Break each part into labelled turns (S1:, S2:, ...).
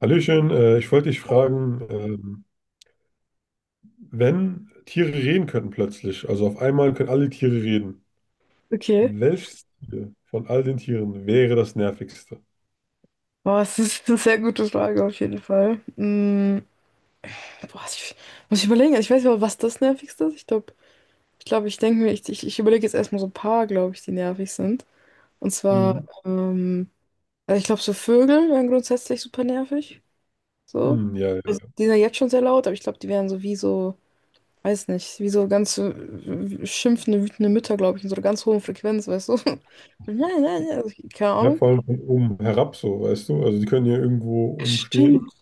S1: Hallöchen, ich wollte dich fragen, wenn Tiere reden könnten plötzlich, also auf einmal können alle Tiere reden,
S2: Okay.
S1: welches Tier von all den Tieren wäre das nervigste?
S2: Boah, das ist eine sehr gute Frage auf jeden Fall. Boah, muss ich überlegen. Also, ich weiß nicht, was das Nervigste ist. Ich glaube, ich denke mir, ich überlege jetzt erstmal so ein paar, glaube ich, die nervig sind. Und zwar,
S1: Mhm.
S2: also ich glaube, so Vögel wären grundsätzlich super nervig. So.
S1: Hm, ja,
S2: Also,
S1: ja,
S2: die sind ja jetzt schon sehr laut, aber ich glaube, die wären so wie so, weiß nicht, wie so ganz schimpfende, wütende Mütter, glaube ich, in so einer ganz hohen Frequenz, weißt du? Nein, nein, nein, also, keine
S1: ja,
S2: Ahnung.
S1: vor allem von oben herab so, weißt du? Also die können ja irgendwo umstehen
S2: Stimmt.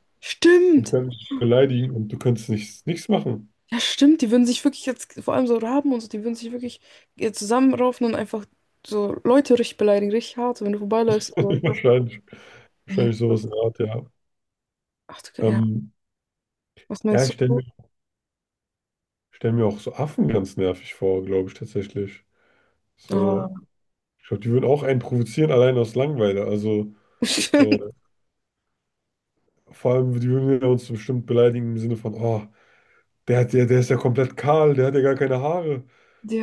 S1: und
S2: Stimmt.
S1: können dich beleidigen und du könntest nichts machen.
S2: Ja, stimmt, die würden sich wirklich jetzt, vor allem so Raben und so, die würden sich wirklich zusammenraufen und einfach so Leute richtig beleidigen, richtig hart, so wenn du vorbeiläufst. Aber,
S1: Wahrscheinlich,
S2: oh mein
S1: wahrscheinlich
S2: Gott,
S1: sowas in der Art, ja.
S2: ach du, ja,
S1: Ähm,
S2: was
S1: ja,
S2: meinst du?
S1: stell mir auch so Affen ganz nervig vor, glaube ich tatsächlich.
S2: Ah,
S1: So, ich glaube, die würden auch einen provozieren, allein aus Langeweile. Also,
S2: stimmt,
S1: so, vor allem, die würden ja uns bestimmt beleidigen im Sinne von, oh, der ist ja komplett kahl, der hat ja gar keine Haare.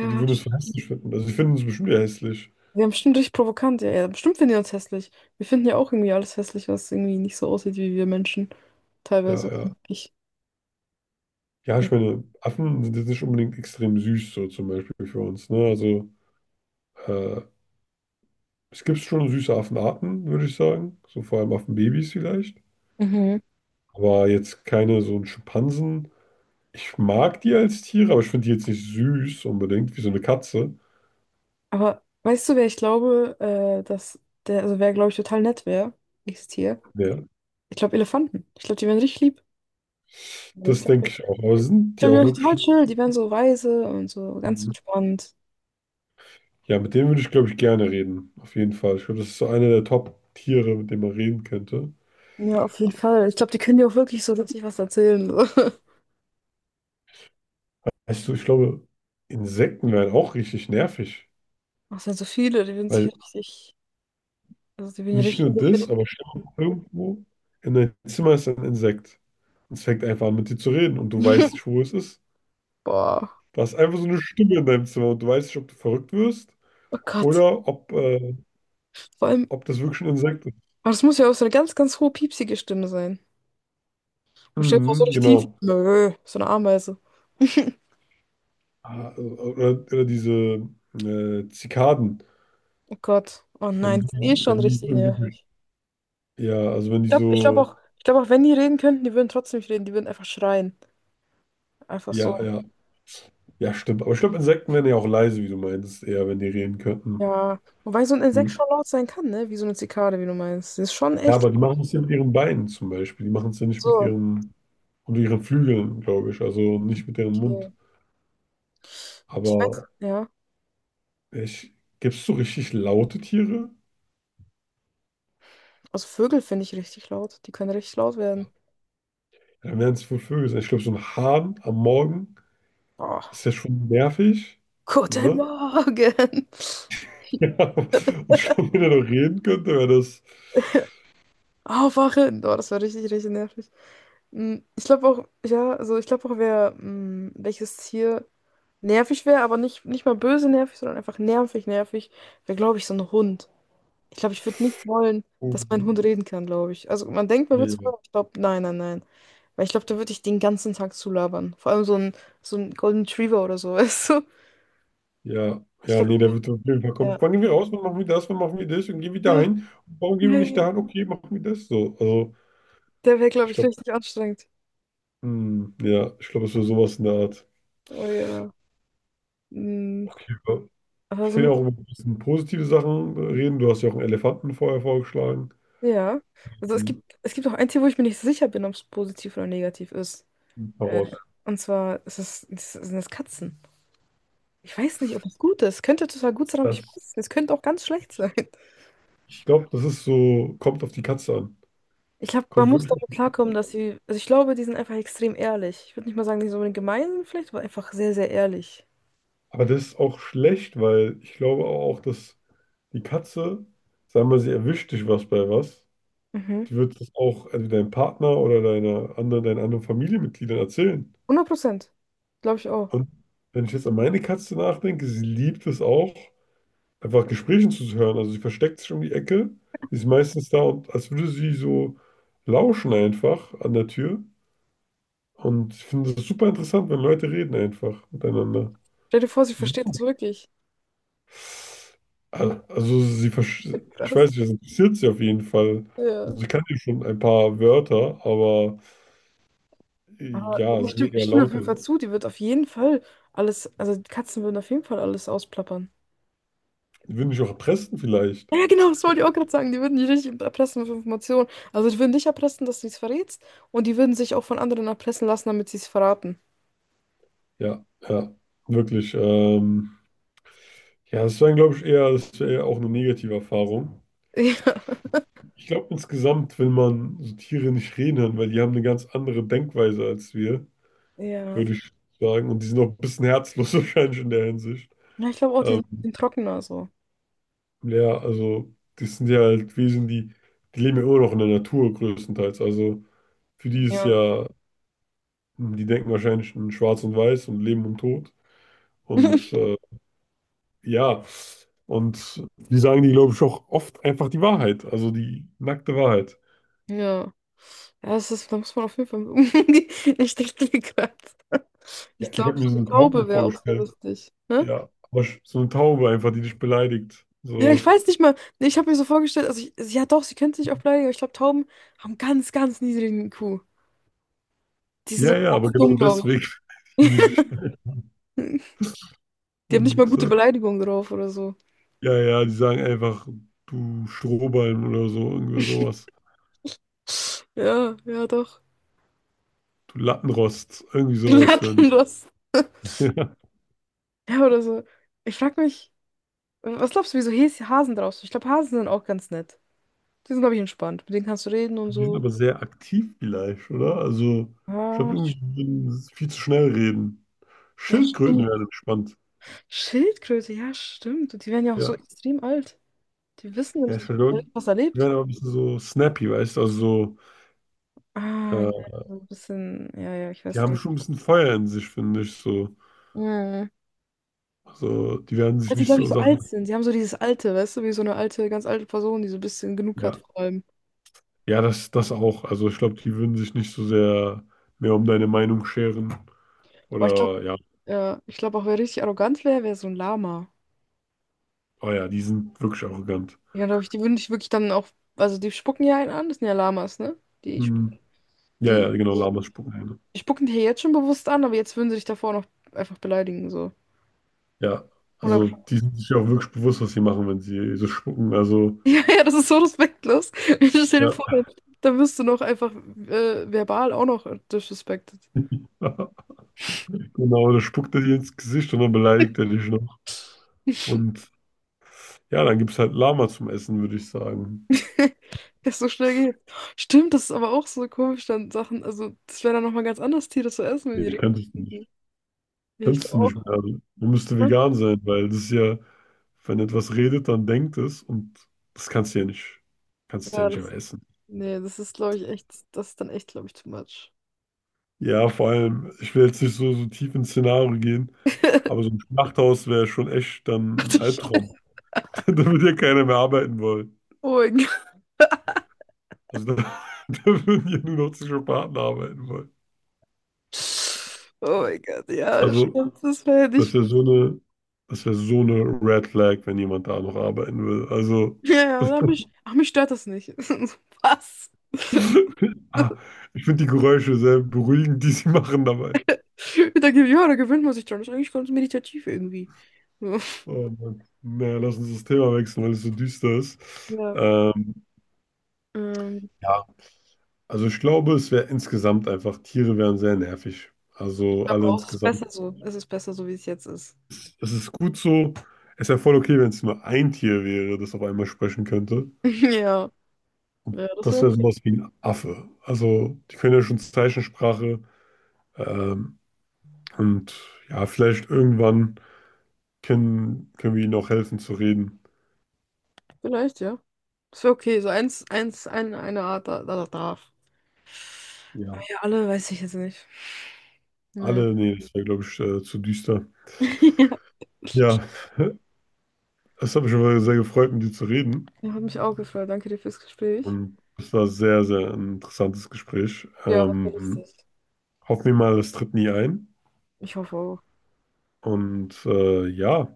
S1: So, die würden es für hässlich finden. Also, die finden uns bestimmt ja hässlich.
S2: wir haben bestimmt richtig provokant, ja, ja, bestimmt finden die uns hässlich. Wir finden ja auch irgendwie alles hässlich, was irgendwie nicht so aussieht wie wir Menschen.
S1: Ja,
S2: Teilweise.
S1: ja.
S2: Ich.
S1: Ja, ich meine, Affen sind jetzt nicht unbedingt extrem süß, so zum Beispiel für uns, ne? Also, äh, es gibt schon süße Affenarten, würde ich sagen. So vor allem Affenbabys vielleicht.
S2: Mhm.
S1: Aber jetzt keine so einen Schimpansen. Ich mag die als Tiere, aber ich finde die jetzt nicht süß unbedingt, wie so eine Katze.
S2: Aber weißt du, wer ich glaube, dass der, also wer, glaube ich, total nett wäre, ist hier.
S1: Ja,
S2: Ich glaube, Elefanten. Ich glaube, die wären richtig lieb. Also, ich
S1: das
S2: glaub,
S1: denke ich auch. Aber sind
S2: die
S1: die auch
S2: werden total
S1: wirklich.
S2: chill, die werden so weise und so ganz entspannt.
S1: Ja, mit denen würde ich, glaube ich, gerne reden. Auf jeden Fall. Ich glaube, das ist so einer der Top-Tiere, mit dem man reden könnte.
S2: Ja, auf jeden Fall. Ich glaube, die können dir auch wirklich so richtig was erzählen. So.
S1: Weißt du, ich glaube, Insekten wären auch richtig nervig.
S2: Ach, es sind so viele, die würden sich
S1: Weil
S2: richtig, also die würden ja
S1: nicht
S2: richtig
S1: nur
S2: interessieren.
S1: das, aber stell dir mal vor, irgendwo in deinem Zimmer ist ein Insekt. Es fängt einfach an, mit dir zu reden und du weißt nicht, wo es ist.
S2: Boah,
S1: Du hast einfach so eine Stimme in deinem Zimmer und du weißt nicht, ob du verrückt wirst
S2: oh Gott.
S1: oder
S2: Vor allem,
S1: ob das wirklich ein Insekt ist.
S2: aber das muss ja auch so eine ganz, ganz hohe, piepsige Stimme sein. Und stell dir vor, so
S1: Mhm,
S2: richtig tief.
S1: genau.
S2: Nö, so eine Ameise.
S1: Ah, oder diese Zikaden,
S2: Oh Gott. Oh nein, die sind eh schon
S1: wenn die
S2: richtig
S1: irgendwie,
S2: nervig.
S1: ja, also wenn die so,
S2: Ich glaube auch, wenn die reden könnten, die würden trotzdem nicht reden, die würden einfach schreien. Einfach
S1: ja,
S2: so.
S1: ja, ja, stimmt. Aber ich glaube, Insekten wären ja auch leise, wie du meinst, eher, wenn die reden könnten.
S2: Ja, wobei so ein Insekt
S1: Mhm.
S2: schon laut sein kann, ne? Wie so eine Zikade, wie du meinst. Sie ist schon
S1: Ja,
S2: echt
S1: aber die
S2: laut.
S1: machen es ja mit ihren Beinen zum Beispiel. Die machen es ja nicht mit
S2: So,
S1: ihren, und ihren Flügeln, glaube ich, also nicht mit ihrem Mund.
S2: okay. Ich weiß,
S1: Aber
S2: ja.
S1: ich, gibt es so richtig laute Tiere?
S2: Also Vögel finde ich richtig laut. Die können richtig laut werden.
S1: Dann werden es wohl Vögel sein. Ich glaube, so ein Hahn am Morgen
S2: Oh,
S1: ist ja schon nervig.
S2: guten
S1: Ne?
S2: Morgen.
S1: Ja, und schon, wenn er noch reden könnte, wäre das.
S2: Aufwachen. Oh, das war richtig, richtig nervig. Ich glaube auch, ja, also ich glaube auch, wer, welches Tier nervig wäre, aber nicht, nicht mal böse nervig, sondern einfach nervig, nervig, wäre, glaube ich, so ein Hund. Ich glaube, ich würde nicht wollen,
S1: Oh,
S2: dass mein Hund reden kann, glaube ich. Also man denkt, man würde es
S1: nee.
S2: wollen, aber ich glaube, nein, nein, nein. Weil ich glaube, da würde ich den ganzen Tag zulabern. Vor allem so ein Golden Retriever oder so, weißt du?
S1: Ja,
S2: Ich
S1: ja,
S2: glaube,
S1: nee, der wird auf jeden Fall kommen.
S2: ja.
S1: Wann gehen wir raus? Wann machen wir das? Wann machen wir das? Und gehen wir
S2: Ja,
S1: dahin? Warum gehen wir
S2: ja, ja,
S1: nicht dahin?
S2: ja.
S1: Okay, machen wir das so. Also,
S2: Der wäre, glaube
S1: ich
S2: ich,
S1: glaube,
S2: richtig anstrengend.
S1: hm, ja, ich glaube, es wäre sowas in der Art.
S2: Oh ja. Mm,
S1: Okay, wir
S2: Aber so
S1: können ja
S2: mit,
S1: auch über ein bisschen positive Sachen reden. Du hast ja auch einen Elefanten vorher vorgeschlagen.
S2: ja. Also es gibt auch ein Tier, wo ich mir nicht so sicher bin, ob es positiv oder negativ ist. Äh,
S1: Heraus.
S2: und zwar ist es, ist, sind es Katzen. Ich weiß nicht, ob es gut ist. Könnte total gut sein, aber ich weiß
S1: Das,
S2: es nicht. Es könnte auch ganz schlecht sein.
S1: ich glaube, das ist so, kommt auf die Katze an.
S2: Ich glaube, man
S1: Kommt
S2: muss
S1: wirklich auf
S2: damit
S1: die Katze
S2: klarkommen,
S1: an.
S2: dass sie, also ich glaube, die sind einfach extrem ehrlich. Ich würde nicht mal sagen, die sind unbedingt gemein vielleicht, aber einfach sehr, sehr ehrlich.
S1: Aber das ist auch schlecht, weil ich glaube auch, dass die Katze, sagen wir, sie erwischt dich was bei was,
S2: Mhm.
S1: die wird das auch also deinem Partner deinen anderen Familienmitgliedern erzählen.
S2: 100%. Glaube ich auch.
S1: Und wenn ich jetzt an meine Katze nachdenke, sie liebt es auch, einfach Gesprächen zuzuhören. Also sie versteckt sich um die Ecke, sie ist meistens da und als würde sie so lauschen einfach an der Tür. Und ich finde es super interessant, wenn Leute reden einfach miteinander.
S2: Stell dir vor, sie
S1: Ja.
S2: versteht uns wirklich.
S1: Ich
S2: Krass.
S1: weiß nicht, das interessiert sie auf jeden Fall.
S2: Ja.
S1: Und sie kann ja schon ein paar Wörter, aber
S2: Aber
S1: ja, es sind
S2: ich
S1: eher
S2: stimme auf jeden
S1: laute.
S2: Fall zu, die wird auf jeden Fall alles, also die Katzen würden auf jeden Fall alles ausplappern.
S1: Die würden mich auch erpressen vielleicht.
S2: Ja, ja, genau, das wollte ich auch gerade sagen. Die würden dich richtig erpressen mit Informationen. Also die würden dich erpressen, dass du es verrätst und die würden sich auch von anderen erpressen lassen, damit sie es verraten.
S1: Ja, ja, wirklich. Ja, das wäre eher auch eine negative Erfahrung.
S2: Ja.
S1: Ich glaube insgesamt, wenn man so Tiere nicht reden hören, weil die haben eine ganz andere Denkweise als wir.
S2: Ja.
S1: Würde ich sagen. Und die sind auch ein bisschen herzlos wahrscheinlich in der Hinsicht.
S2: Ja, ich glaube auch, die
S1: Ähm,
S2: sind die sind trockener so.
S1: ja, also die sind ja halt Wesen, die leben ja immer noch in der Natur größtenteils. Also für die ist
S2: Ja.
S1: ja, die denken wahrscheinlich in Schwarz und Weiß und Leben und Tod. Und ja, und die sagen die, glaube ich, auch oft einfach die Wahrheit, also die nackte Wahrheit.
S2: Ja. Ja, das ist, da muss man auf jeden Fall mit umgehen. Ich dachte mir gerade. Ich
S1: Ja, ich habe
S2: glaube, so
S1: mir so
S2: eine
S1: eine Taube
S2: Taube wäre auch sehr
S1: vorgestellt.
S2: lustig. Ne?
S1: Ja, aber sch- so eine Taube einfach, die dich beleidigt.
S2: Ja, ich
S1: So,
S2: weiß nicht mal. Nee, ich habe mir so vorgestellt, also ich, ja doch, sie könnte sich auch bleiben, aber ich glaube, Tauben haben ganz, ganz niedrigen IQ. Die sind so
S1: ja, ja, aber
S2: ganz
S1: genau
S2: dumm, glaube ich.
S1: deswegen. beleidigen die dich.
S2: Die haben nicht mal
S1: Und
S2: gute Beleidigungen drauf oder so.
S1: ja, ja, die sagen einfach, du Strohballen oder so, irgendwie sowas.
S2: Ja, ja, doch.
S1: Du Lattenrost, irgendwie sowas. Wenn.
S2: Lattenrost.
S1: Die ja.
S2: Ja, oder so. Ich frag mich, was glaubst du, wieso Hasen drauf sind? Ich glaube, Hasen sind auch ganz nett. Die sind, glaube ich, entspannt. Mit denen kannst du reden und
S1: Die sind
S2: so.
S1: aber sehr aktiv vielleicht, oder? Also, ich
S2: Ja,
S1: glaube, irgendwie die würden viel zu schnell reden.
S2: ja,
S1: Schildkröten
S2: stimmt.
S1: wären entspannt.
S2: Schildkröte, ja, stimmt. Die werden ja auch so
S1: Ja.
S2: extrem alt. Die wissen
S1: Ja, ich
S2: richtig,
S1: glaube,
S2: was er
S1: die
S2: lebt.
S1: wären aber ein bisschen so snappy, weißt du? Also
S2: Ah,
S1: so,
S2: ja, so ein bisschen, ja, ja, ich
S1: die
S2: weiß.
S1: haben schon ein bisschen Feuer in sich, finde ich. So.
S2: Mhm.
S1: Also, die werden sich
S2: Weil sie,
S1: nicht
S2: glaube ich,
S1: so
S2: so
S1: Sachen.
S2: alt sind. Sie haben so dieses Alte, weißt du, wie so eine alte, ganz alte Person, die so ein bisschen genug hat
S1: Ja.
S2: vor allem.
S1: Das auch. Also ich glaube, die würden sich nicht so sehr mehr um deine Meinung scheren.
S2: Aber ich glaube,
S1: Oder ja.
S2: ja, ich glaube auch, wer richtig arrogant wäre, wäre so ein Lama.
S1: Oh ja, die sind wirklich arrogant.
S2: Ja, glaube ich, die würden dich wirklich dann auch, also die spucken ja einen an, das sind ja Lamas, ne? Die,
S1: Mhm. Ja,
S2: die,
S1: ja, genau, Lamas spucken Hähne.
S2: die spucken dich ja jetzt schon bewusst an, aber jetzt würden sie dich davor noch einfach beleidigen, so.
S1: Ja,
S2: 100
S1: also die sind sich auch wirklich bewusst, was sie machen, wenn sie so spucken. Also,
S2: Ja, das ist so respektlos. Ich stell dir vor,
S1: ja.
S2: da wirst du noch einfach verbal auch noch disrespected.
S1: Genau, da spuckt er dir ins Gesicht und dann beleidigt er dich noch. Und ja, dann gibt es halt Lama zum Essen, würde ich sagen.
S2: Das so schnell geht. Stimmt, das ist aber auch so komisch, dann Sachen, also das wäre dann nochmal ganz anders, Tiere zu essen, wenn die
S1: Nee,
S2: Regeln.
S1: könntest du nicht.
S2: Ja, ich
S1: Könntest
S2: glaube
S1: du nicht
S2: auch,
S1: mehr. Also, man müsste
S2: ne?
S1: vegan sein, weil das ist ja, wenn etwas redet, dann denkt es und das kannst du ja
S2: Ja,
S1: nicht
S2: das,
S1: einfach essen.
S2: nee, das ist, glaube ich, echt, das ist dann echt, glaube ich, too much.
S1: Ja, vor allem, ich will jetzt nicht so tief ins Szenario gehen. Aber so ein Schlachthaus wäre schon echt
S2: Ach
S1: dann ein
S2: du
S1: Albtraum.
S2: Scheiße.
S1: Da würde ja keiner mehr arbeiten wollen.
S2: Oh mein Gott.
S1: Also da, da würden ja nur noch Psychopathen arbeiten wollen.
S2: Oh mein Gott,
S1: Ja.
S2: ja, stimmt, das wäre ja
S1: Das
S2: nicht.
S1: wäre so eine, das wäre so eine Red Flag, wenn jemand da noch arbeiten will. Also,
S2: Ja, ja, aber mich, ach, mich stört das nicht. Was?
S1: ah, ich finde die Geräusche sehr beruhigend, die sie machen dabei.
S2: Da, ja, da gewöhnt man sich dran. Das ist eigentlich ganz meditativ irgendwie.
S1: Oh Mann. Naja, lass uns das Thema wechseln, weil es so düster ist.
S2: So. Ja,
S1: Ähm,
S2: Ähm,
S1: ja, also ich glaube, es wäre insgesamt einfach, Tiere wären sehr nervig.
S2: ich
S1: Also
S2: glaube
S1: alle
S2: auch, es ist besser
S1: insgesamt.
S2: so. Es ist besser so, wie es jetzt ist.
S1: Ist, das ist gut so. Es wäre voll okay, wenn es nur ein Tier wäre, das auf einmal sprechen könnte.
S2: Ja, ja, das
S1: Das wäre
S2: wäre
S1: sowas wie ein Affe. Also, die können ja schon Zeichensprache. Ähm, und ja, vielleicht irgendwann können wir ihnen auch helfen zu reden.
S2: vielleicht, ja. Das wäre okay. So eins, eine Art da darf.
S1: Ja.
S2: Ja, alle weiß ich jetzt nicht. Naja,
S1: Alle, nee, das wäre, glaube ich, zu düster. Ja, es hat mich aber sehr gefreut, mit dir zu reden.
S2: ja, hat mich auch gefreut. Danke dir fürs Gespräch.
S1: Und es war sehr, sehr ein interessantes Gespräch.
S2: Ja, war sehr lustig.
S1: Hoffen wir mal, es tritt nie ein.
S2: Ich hoffe auch.
S1: Und ja.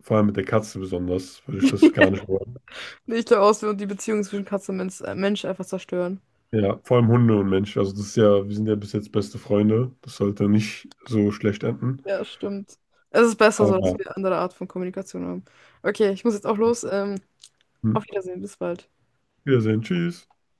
S1: Vor allem mit der Katze besonders, würde ich das gar nicht wollen.
S2: Ich glaube auch, es wird die Beziehung zwischen Katze und Mensch einfach zerstören.
S1: Ja, vor allem Hunde und Mensch. Also das ist ja, wir sind ja bis jetzt beste Freunde. Das sollte nicht so schlecht enden.
S2: Ja, stimmt. Es ist besser
S1: Aber
S2: so, dass
S1: ja.
S2: wir eine andere Art von Kommunikation haben. Okay, ich muss jetzt auch los.
S1: Hm.
S2: Auf Wiedersehen, bis bald.
S1: Wiedersehen, tschüss.